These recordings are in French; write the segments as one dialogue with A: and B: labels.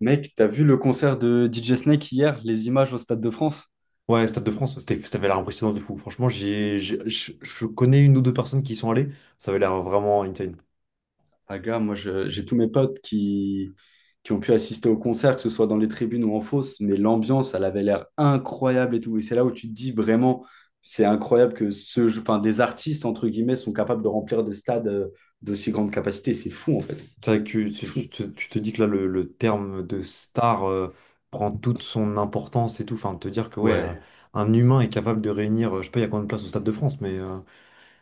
A: Mec, t'as vu le concert de DJ Snake hier, les images au Stade de France?
B: Ouais, Stade de France, c'était, ça avait l'air impressionnant de fou. Franchement, je connais une ou deux personnes qui y sont allées. Ça avait l'air vraiment insane.
A: Ah gars, j'ai tous mes potes qui ont pu assister au concert, que ce soit dans les tribunes ou en fosse, mais l'ambiance, elle avait l'air incroyable et tout. Et c'est là où tu te dis vraiment, c'est incroyable que enfin, des artistes, entre guillemets, sont capables de remplir des stades d'aussi grande capacité. C'est fou en fait.
B: C'est vrai que tu,
A: C'est
B: tu,
A: fou.
B: tu te tu te dis que là, le terme de star prend toute son importance et tout. Enfin, te dire que ouais,
A: Ouais.
B: un humain est capable de réunir, je sais pas, il y a combien de places au Stade de France,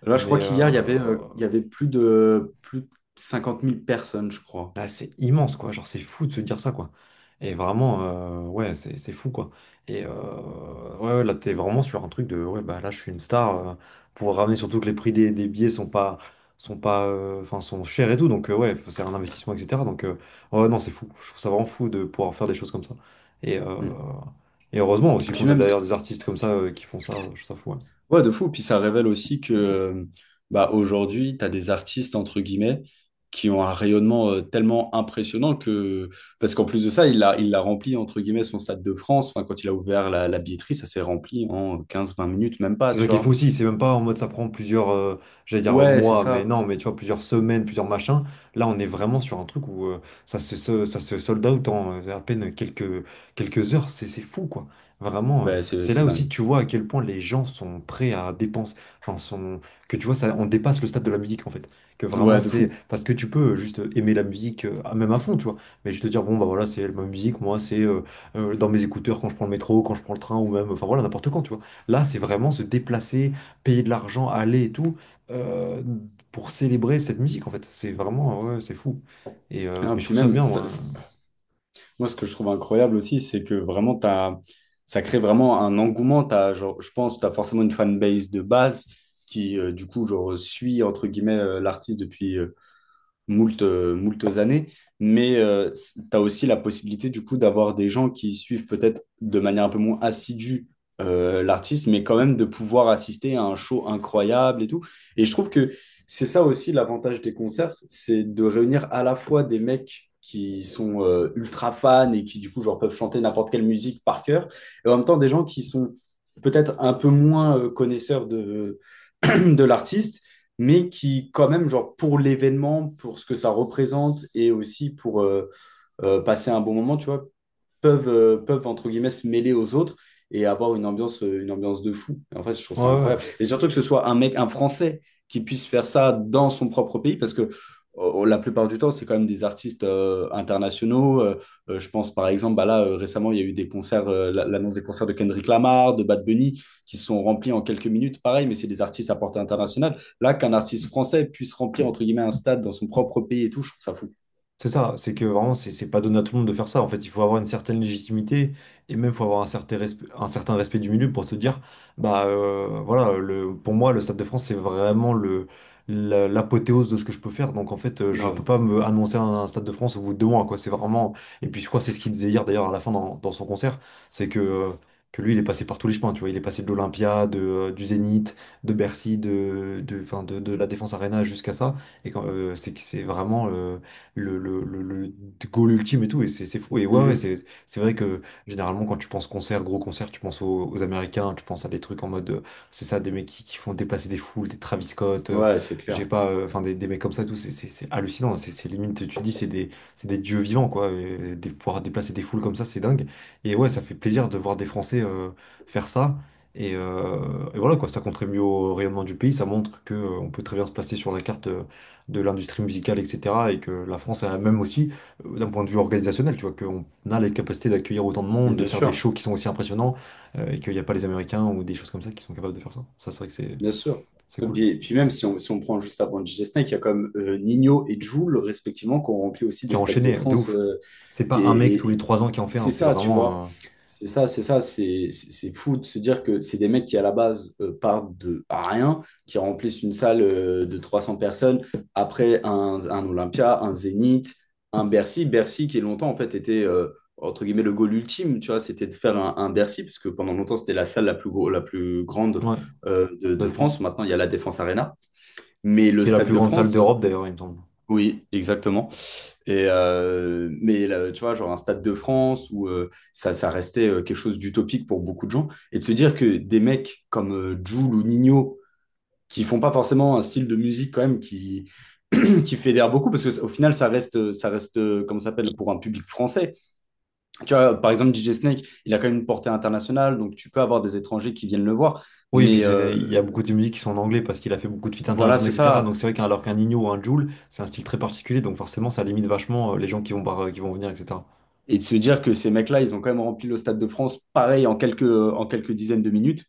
A: Là, je crois
B: mais euh,
A: qu'hier, il y avait plus de 50 000 personnes, je crois.
B: bah, c'est immense, quoi. Genre, c'est fou de se dire ça, quoi. Et vraiment, ouais, c'est fou, quoi. Et ouais, ouais, là, t'es vraiment sur un truc de, ouais, bah là, je suis une star, pour ramener surtout que les prix des billets sont pas, enfin, sont chers et tout. Donc, ouais, c'est un investissement, etc. Donc, ouais, non, c'est fou. Je trouve ça vraiment fou de pouvoir faire des choses comme ça. Et, euh,
A: Mm.
B: et heureusement aussi
A: Puis
B: qu'on a
A: même,
B: d'ailleurs des artistes comme ça, qui font ça. Je trouve ça fou, ouais.
A: Ouais, de fou. Puis ça révèle aussi que bah, aujourd'hui, tu as des artistes, entre guillemets, qui ont un rayonnement tellement impressionnant que. Parce qu'en plus de ça, il a rempli, entre guillemets, son Stade de France. Enfin, quand il a ouvert la billetterie, ça s'est rempli en quinze vingt minutes, même pas,
B: C'est ça
A: tu
B: qui est fou
A: vois.
B: aussi, c'est même pas en mode ça prend plusieurs, j'allais dire
A: Ouais, c'est
B: mois, mais
A: ça.
B: non, mais tu vois, plusieurs semaines, plusieurs machins. Là, on est vraiment sur un truc où ça se sold out en à peine quelques heures, c'est fou quoi. Vraiment,
A: Ouais, c'est
B: c'est là
A: c'est
B: aussi
A: dingue.
B: que tu vois à quel point les gens sont prêts à dépenser, enfin, que tu vois, ça, on dépasse le stade de la musique en fait. Que vraiment,
A: Ouais, de
B: c'est
A: fou.
B: parce que tu peux juste aimer la musique, même à fond, tu vois, mais je te dire, bon, bah voilà, c'est ma musique, moi, c'est dans mes écouteurs quand je prends le métro, quand je prends le train, ou même, enfin voilà, n'importe quand, tu vois. Là, c'est vraiment se déplacer, payer de l'argent, aller et tout, euh, pour célébrer cette musique, en fait. C'est vraiment, ouais, c'est fou.
A: Ah,
B: Mais je
A: puis
B: trouve ça
A: même,
B: bien,
A: ça-
B: moi, hein.
A: Moi, ce que je trouve incroyable aussi, c'est que vraiment, ça crée vraiment un engouement. T'as, genre, je pense que tu as forcément une fanbase de base qui, du coup, genre, suit, entre guillemets, l'artiste depuis moult, moultes années, mais tu as aussi la possibilité du coup d'avoir des gens qui suivent peut-être de manière un peu moins assidue l'artiste, mais quand même de pouvoir assister à un show incroyable et tout. Et je trouve que c'est ça aussi l'avantage des concerts, c'est de réunir à la fois des mecs qui sont ultra fans et qui du coup genre peuvent chanter n'importe quelle musique par cœur, et en même temps des gens qui sont peut-être un peu moins connaisseurs de, de l'artiste, mais qui quand même, genre pour l'événement, pour ce que ça représente et aussi pour passer un bon moment, tu vois, peuvent entre guillemets se mêler aux autres et avoir une ambiance de fou. Et en fait, je trouve ça
B: Ouais, ouais.
A: incroyable. Et surtout que ce soit un mec, un Français, qui puisse faire ça dans son propre pays, parce que la plupart du temps, c'est quand même des artistes internationaux. Je pense par exemple, bah là, récemment, il y a eu des concerts, l'annonce des concerts de Kendrick Lamar, de Bad Bunny, qui se sont remplis en quelques minutes. Pareil, mais c'est des artistes à portée internationale. Là, qu'un artiste français puisse remplir, entre guillemets, un stade dans son propre pays et tout, je trouve ça fou.
B: C'est ça, c'est que vraiment, c'est pas donné à tout le monde de faire ça. En fait, il faut avoir une certaine légitimité et même il faut avoir un certain respect du milieu pour te dire, bah voilà, pour moi, le Stade de France, c'est vraiment l'apothéose de ce que je peux faire. Donc en fait, je peux
A: Grave.
B: pas me annoncer un Stade de France au bout de 2 mois, quoi. C'est vraiment. Et puis je crois que c'est ce qu'il disait hier d'ailleurs à la fin dans son concert, c'est que lui, il est passé par tous les chemins, tu vois. Il est passé de l'Olympia, du Zénith, de Bercy, de la Défense Arena jusqu'à ça. C'est que c'est vraiment, le goal ultime et tout, et c'est fou. Et ouais, ouais,
A: Mhm.
B: c'est vrai que généralement, quand tu penses concert, gros concert, tu penses aux Américains, tu penses à des trucs en mode, c'est ça, des mecs qui font dépasser des foules, des Travis Scott,
A: Ouais, c'est
B: j'ai
A: clair.
B: pas, enfin, des mecs comme ça, et tout, c'est hallucinant, c'est limite, tu te dis, c'est des dieux vivants, quoi, pouvoir déplacer des foules comme ça, c'est dingue. Et ouais, ça fait plaisir de voir des Français faire ça. Et, euh, et voilà quoi, ça contribue au rayonnement du pays, ça montre que on peut très bien se placer sur la carte de l'industrie musicale, etc. Et que la France a même aussi, d'un point de vue organisationnel, tu vois, qu'on a les capacités d'accueillir autant de monde, de
A: Bien
B: faire des
A: sûr.
B: shows qui sont aussi impressionnants, et qu'il n'y a pas les Américains ou des choses comme ça qui sont capables de faire ça. Ça, c'est vrai que c'est
A: Bien sûr.
B: c'est
A: Et
B: cool.
A: puis, puis même si on, si on prend juste avant DJ Snake, il y a comme Nino et Jul, respectivement, qui ont rempli aussi
B: Qui
A: des
B: a
A: stades de
B: enchaîné, de
A: France
B: ouf. C'est
A: qui
B: pas un mec tous les
A: est-
B: 3 ans qui en fait un,
A: c'est
B: c'est
A: ça, tu vois.
B: vraiment
A: C'est ça, c'est ça, c'est- C'est fou de se dire que c'est des mecs qui, à la base, partent de à rien, qui remplissent une salle de 300 personnes, après un Olympia, un Zénith, un Bercy. Bercy qui, longtemps, en fait, était, entre guillemets, le goal ultime, tu vois, c'était de faire un Bercy, parce que pendant longtemps, c'était la salle la la plus grande
B: ouais, de
A: de France.
B: France.
A: Maintenant, il y a la Défense Arena. Mais le
B: Qui est la
A: Stade
B: plus
A: de
B: grande salle
A: France,
B: d'Europe d'ailleurs, il me semble.
A: oui, exactement. Et mais là, tu vois, genre un Stade de France où ça restait quelque chose d'utopique pour beaucoup de gens. Et de se dire que des mecs comme Jul ou Nino, qui font pas forcément un style de musique quand même qui, qui fédère beaucoup, parce qu'au final, ça reste comment ça s'appelle, pour un public français. Tu vois, par exemple, DJ Snake, il a quand même une portée internationale, donc tu peux avoir des étrangers qui viennent le voir.
B: Oui, et puis
A: Mais
B: il y a beaucoup de ses musiques qui sont en anglais parce qu'il a fait beaucoup de feats
A: voilà,
B: internationaux,
A: c'est
B: etc.
A: ça.
B: Donc c'est vrai qu'alors qu'un Nino ou un Jul, c'est un style très particulier, donc forcément ça limite vachement les gens qui vont, qui vont venir, etc.
A: Et de se dire que ces mecs-là, ils ont quand même rempli le Stade de France, pareil, en quelques dizaines de minutes,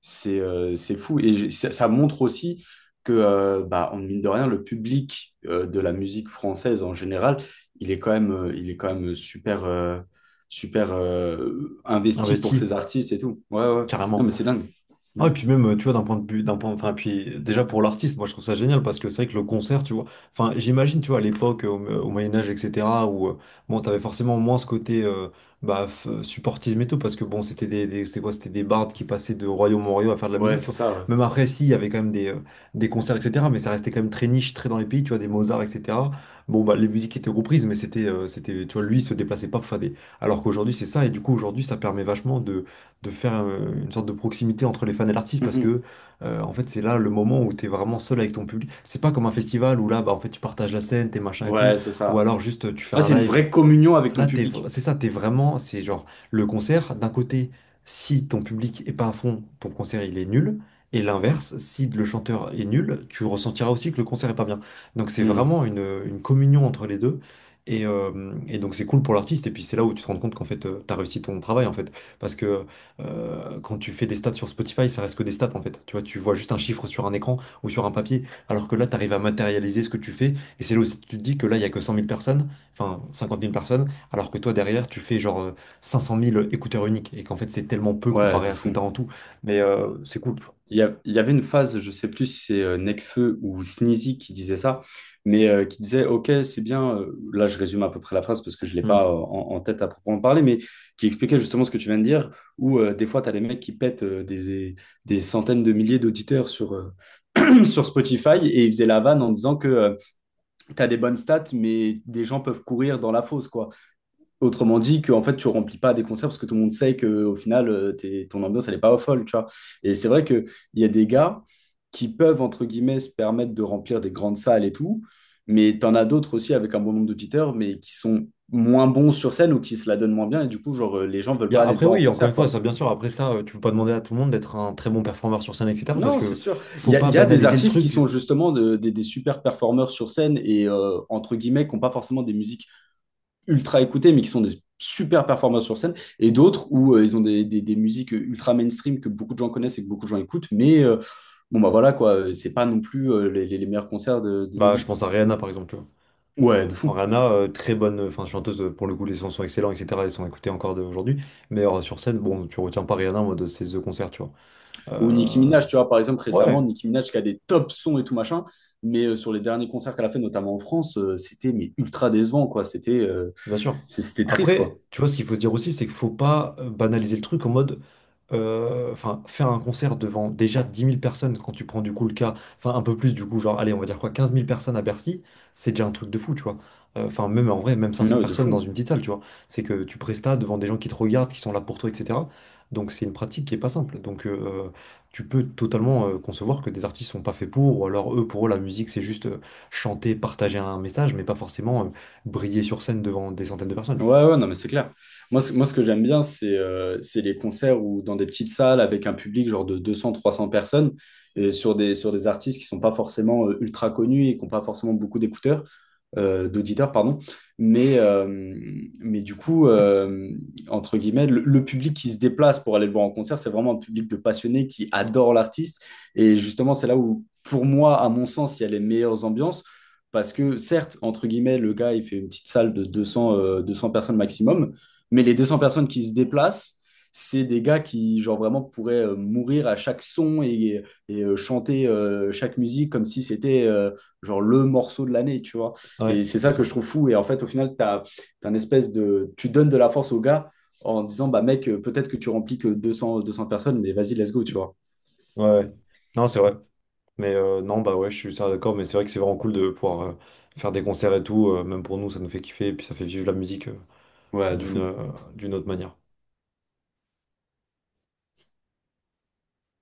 A: c'est fou. Ça, ça montre aussi que, bah, en mine de rien, le public de la musique française en général, il est quand même super, investi pour ses
B: Investi,
A: artistes et tout. Ouais, ouais. Non,
B: carrément.
A: mais c'est dingue. C'est
B: Ah, et
A: dingue.
B: puis même, tu vois, d'un point de vue, d'un point, enfin, puis déjà pour l'artiste, moi je trouve ça génial parce que c'est vrai que le concert, tu vois, enfin, j'imagine, tu vois, à l'époque, au Moyen-Âge, etc., où, bon, t'avais forcément moins ce côté, bah, supportisme et tout, parce que bon, c'était c'était quoi, c'était des bardes qui passaient de royaume en royaume à faire de la
A: Ouais,
B: musique, tu
A: c'est
B: vois.
A: ça,
B: Même après, si, il y avait quand même des concerts, etc., mais ça restait quand même très niche, très dans les pays, tu vois, des Mozart, etc. Bon, bah, les musiques étaient reprises, mais tu vois, lui, il se déplaçait pas pour faire des. Alors qu'aujourd'hui, c'est ça, et du coup, aujourd'hui, ça permet vachement de faire une sorte de proximité entre les fans et l'artiste
A: ouais.
B: parce
A: Mhm.
B: que en fait c'est là le moment où tu es vraiment seul avec ton public. C'est pas comme un festival où là bah en fait tu partages la scène, tes machins et tout,
A: Ouais, c'est
B: ou
A: ça.
B: alors juste tu fais
A: Là,
B: un
A: c'est une
B: live.
A: vraie communion avec
B: Là,
A: ton public.
B: c'est ça, t'es vraiment, c'est genre le concert, d'un côté, si ton public est pas à fond, ton concert il est nul, et l'inverse, si le chanteur est nul, tu ressentiras aussi que le concert est pas bien. Donc c'est
A: Mhm.
B: vraiment une communion entre les deux, et donc c'est cool pour l'artiste, et puis c'est là où tu te rends compte qu'en fait, t'as réussi ton travail, en fait, parce que quand tu fais des stats sur Spotify, ça reste que des stats, en fait. Tu vois juste un chiffre sur un écran ou sur un papier, alors que là, t'arrives à matérialiser ce que tu fais, et c'est là où tu te dis que là, il y a que 100 000 personnes, enfin 50 000 personnes alors que toi, derrière, tu fais genre 500 000 écouteurs uniques et qu'en fait, c'est tellement peu
A: Ouais,
B: comparé
A: de
B: à ce que tu as
A: fou.
B: en tout. Mais c'est cool.
A: Il y avait une phase, je sais plus si c'est Nekfeu ou Sneezy qui disait ça, mais qui disait, OK, c'est bien, là je résume à peu près la phrase parce que je ne l'ai pas
B: Hmm.
A: en tête à proprement parler, mais qui expliquait justement ce que tu viens de dire, où des fois tu as des mecs qui pètent des centaines de milliers d'auditeurs sur Spotify et ils faisaient la vanne en disant que tu as des bonnes stats, mais des gens peuvent courir dans la fosse, quoi. Autrement dit, que en fait, tu remplis pas des concerts parce que tout le monde sait que au final, ton ambiance, elle est pas folle, tu vois. Et c'est vrai qu'il y a des gars qui peuvent, entre guillemets, se permettre de remplir des grandes salles et tout, mais t'en as d'autres aussi avec un bon nombre d'auditeurs, mais qui sont moins bons sur scène ou qui se la donnent moins bien, et du coup, genre, les gens veulent pas aller le
B: Après,
A: voir en
B: oui, encore une
A: concert,
B: fois,
A: quoi.
B: ça, bien sûr, après ça, tu peux pas demander à tout le monde d'être un très bon performeur sur scène, etc. Parce
A: Non, c'est
B: que
A: sûr.
B: faut pas
A: Il y a des
B: banaliser le
A: artistes qui
B: truc.
A: sont justement des super performeurs sur scène et, entre guillemets, qui n'ont pas forcément des musiques ultra écoutés, mais qui sont des super performances sur scène, et d'autres où ils ont des musiques ultra mainstream que beaucoup de gens connaissent et que beaucoup de gens écoutent, mais bon, bah voilà, quoi, c'est pas non plus les meilleurs concerts de nos
B: Bah, je
A: vies.
B: pense à Rihanna, par exemple, tu vois.
A: Ouais, de fou.
B: En Rihanna, très bonne enfin, chanteuse, pour le coup, les sons sont excellents, etc. Ils sont écoutés encore aujourd'hui. Mais sur scène, bon, tu retiens pas Rihanna en mode c'est The Concert, tu vois.
A: Ou Nicki
B: Euh,
A: Minaj, tu vois, par exemple,
B: ouais.
A: récemment, Nicki Minaj qui a des top sons et tout machin, mais sur les derniers concerts qu'elle a fait, notamment en France, c'était mais ultra décevant, quoi.
B: Bien sûr.
A: C'était triste, quoi.
B: Après, tu vois, ce qu'il faut se dire aussi, c'est qu'il faut pas banaliser le truc en mode, enfin, faire un concert devant déjà 10 000 personnes quand tu prends du coup le cas, enfin, un peu plus du coup, genre, allez, on va dire quoi, 15 000 personnes à Bercy, c'est déjà un truc de fou, tu vois. Enfin, même en vrai, même cinq cents
A: Non, de
B: personnes
A: fou.
B: dans une petite salle, tu vois. C'est que tu prestas devant des gens qui te regardent, qui sont là pour toi, etc. Donc, c'est une pratique qui est pas simple. Donc, tu peux totalement concevoir que des artistes sont pas faits pour, ou alors eux, pour eux, la musique, c'est juste chanter, partager un message, mais pas forcément, briller sur scène devant des centaines de personnes, tu
A: Ouais, ouais, non, mais c'est clair. Moi, ce que j'aime bien, c'est les concerts où, dans des petites salles avec un public genre de 200, 300 personnes et sur sur des artistes qui sont pas forcément ultra connus et qui n'ont pas forcément beaucoup d'écouteurs d'auditeurs, pardon. Mais, euh, mais du coup, entre guillemets, le public qui se déplace pour aller le voir en concert, c'est vraiment un public de passionnés qui adore l'artiste. Et justement, c'est là où, pour moi, à mon sens, il y a les meilleures ambiances. Parce que certes, entre guillemets, le gars, il fait une petite salle de 200 personnes maximum, mais les 200 personnes qui se déplacent, c'est des gars qui, genre, vraiment pourraient mourir à chaque son et, chanter chaque musique comme si c'était, genre, le morceau de l'année, tu vois.
B: vois.
A: Et
B: Ouais,
A: c'est
B: c'est
A: ça que
B: ça.
A: je trouve fou. Et en fait, au final, t'as une espèce de, tu donnes de la force aux gars en disant, bah mec, peut-être que tu remplis que 200, 200 personnes, mais vas-y, let's go, tu vois.
B: Ouais, ouais. Non, c'est vrai. Mais non, bah ouais, je suis ça d'accord, mais c'est vrai que c'est vraiment cool de pouvoir faire des concerts et tout, même pour nous, ça nous fait kiffer, et puis ça fait vivre la musique
A: Ouais, de
B: d'une
A: fou.
B: euh, d'une autre manière.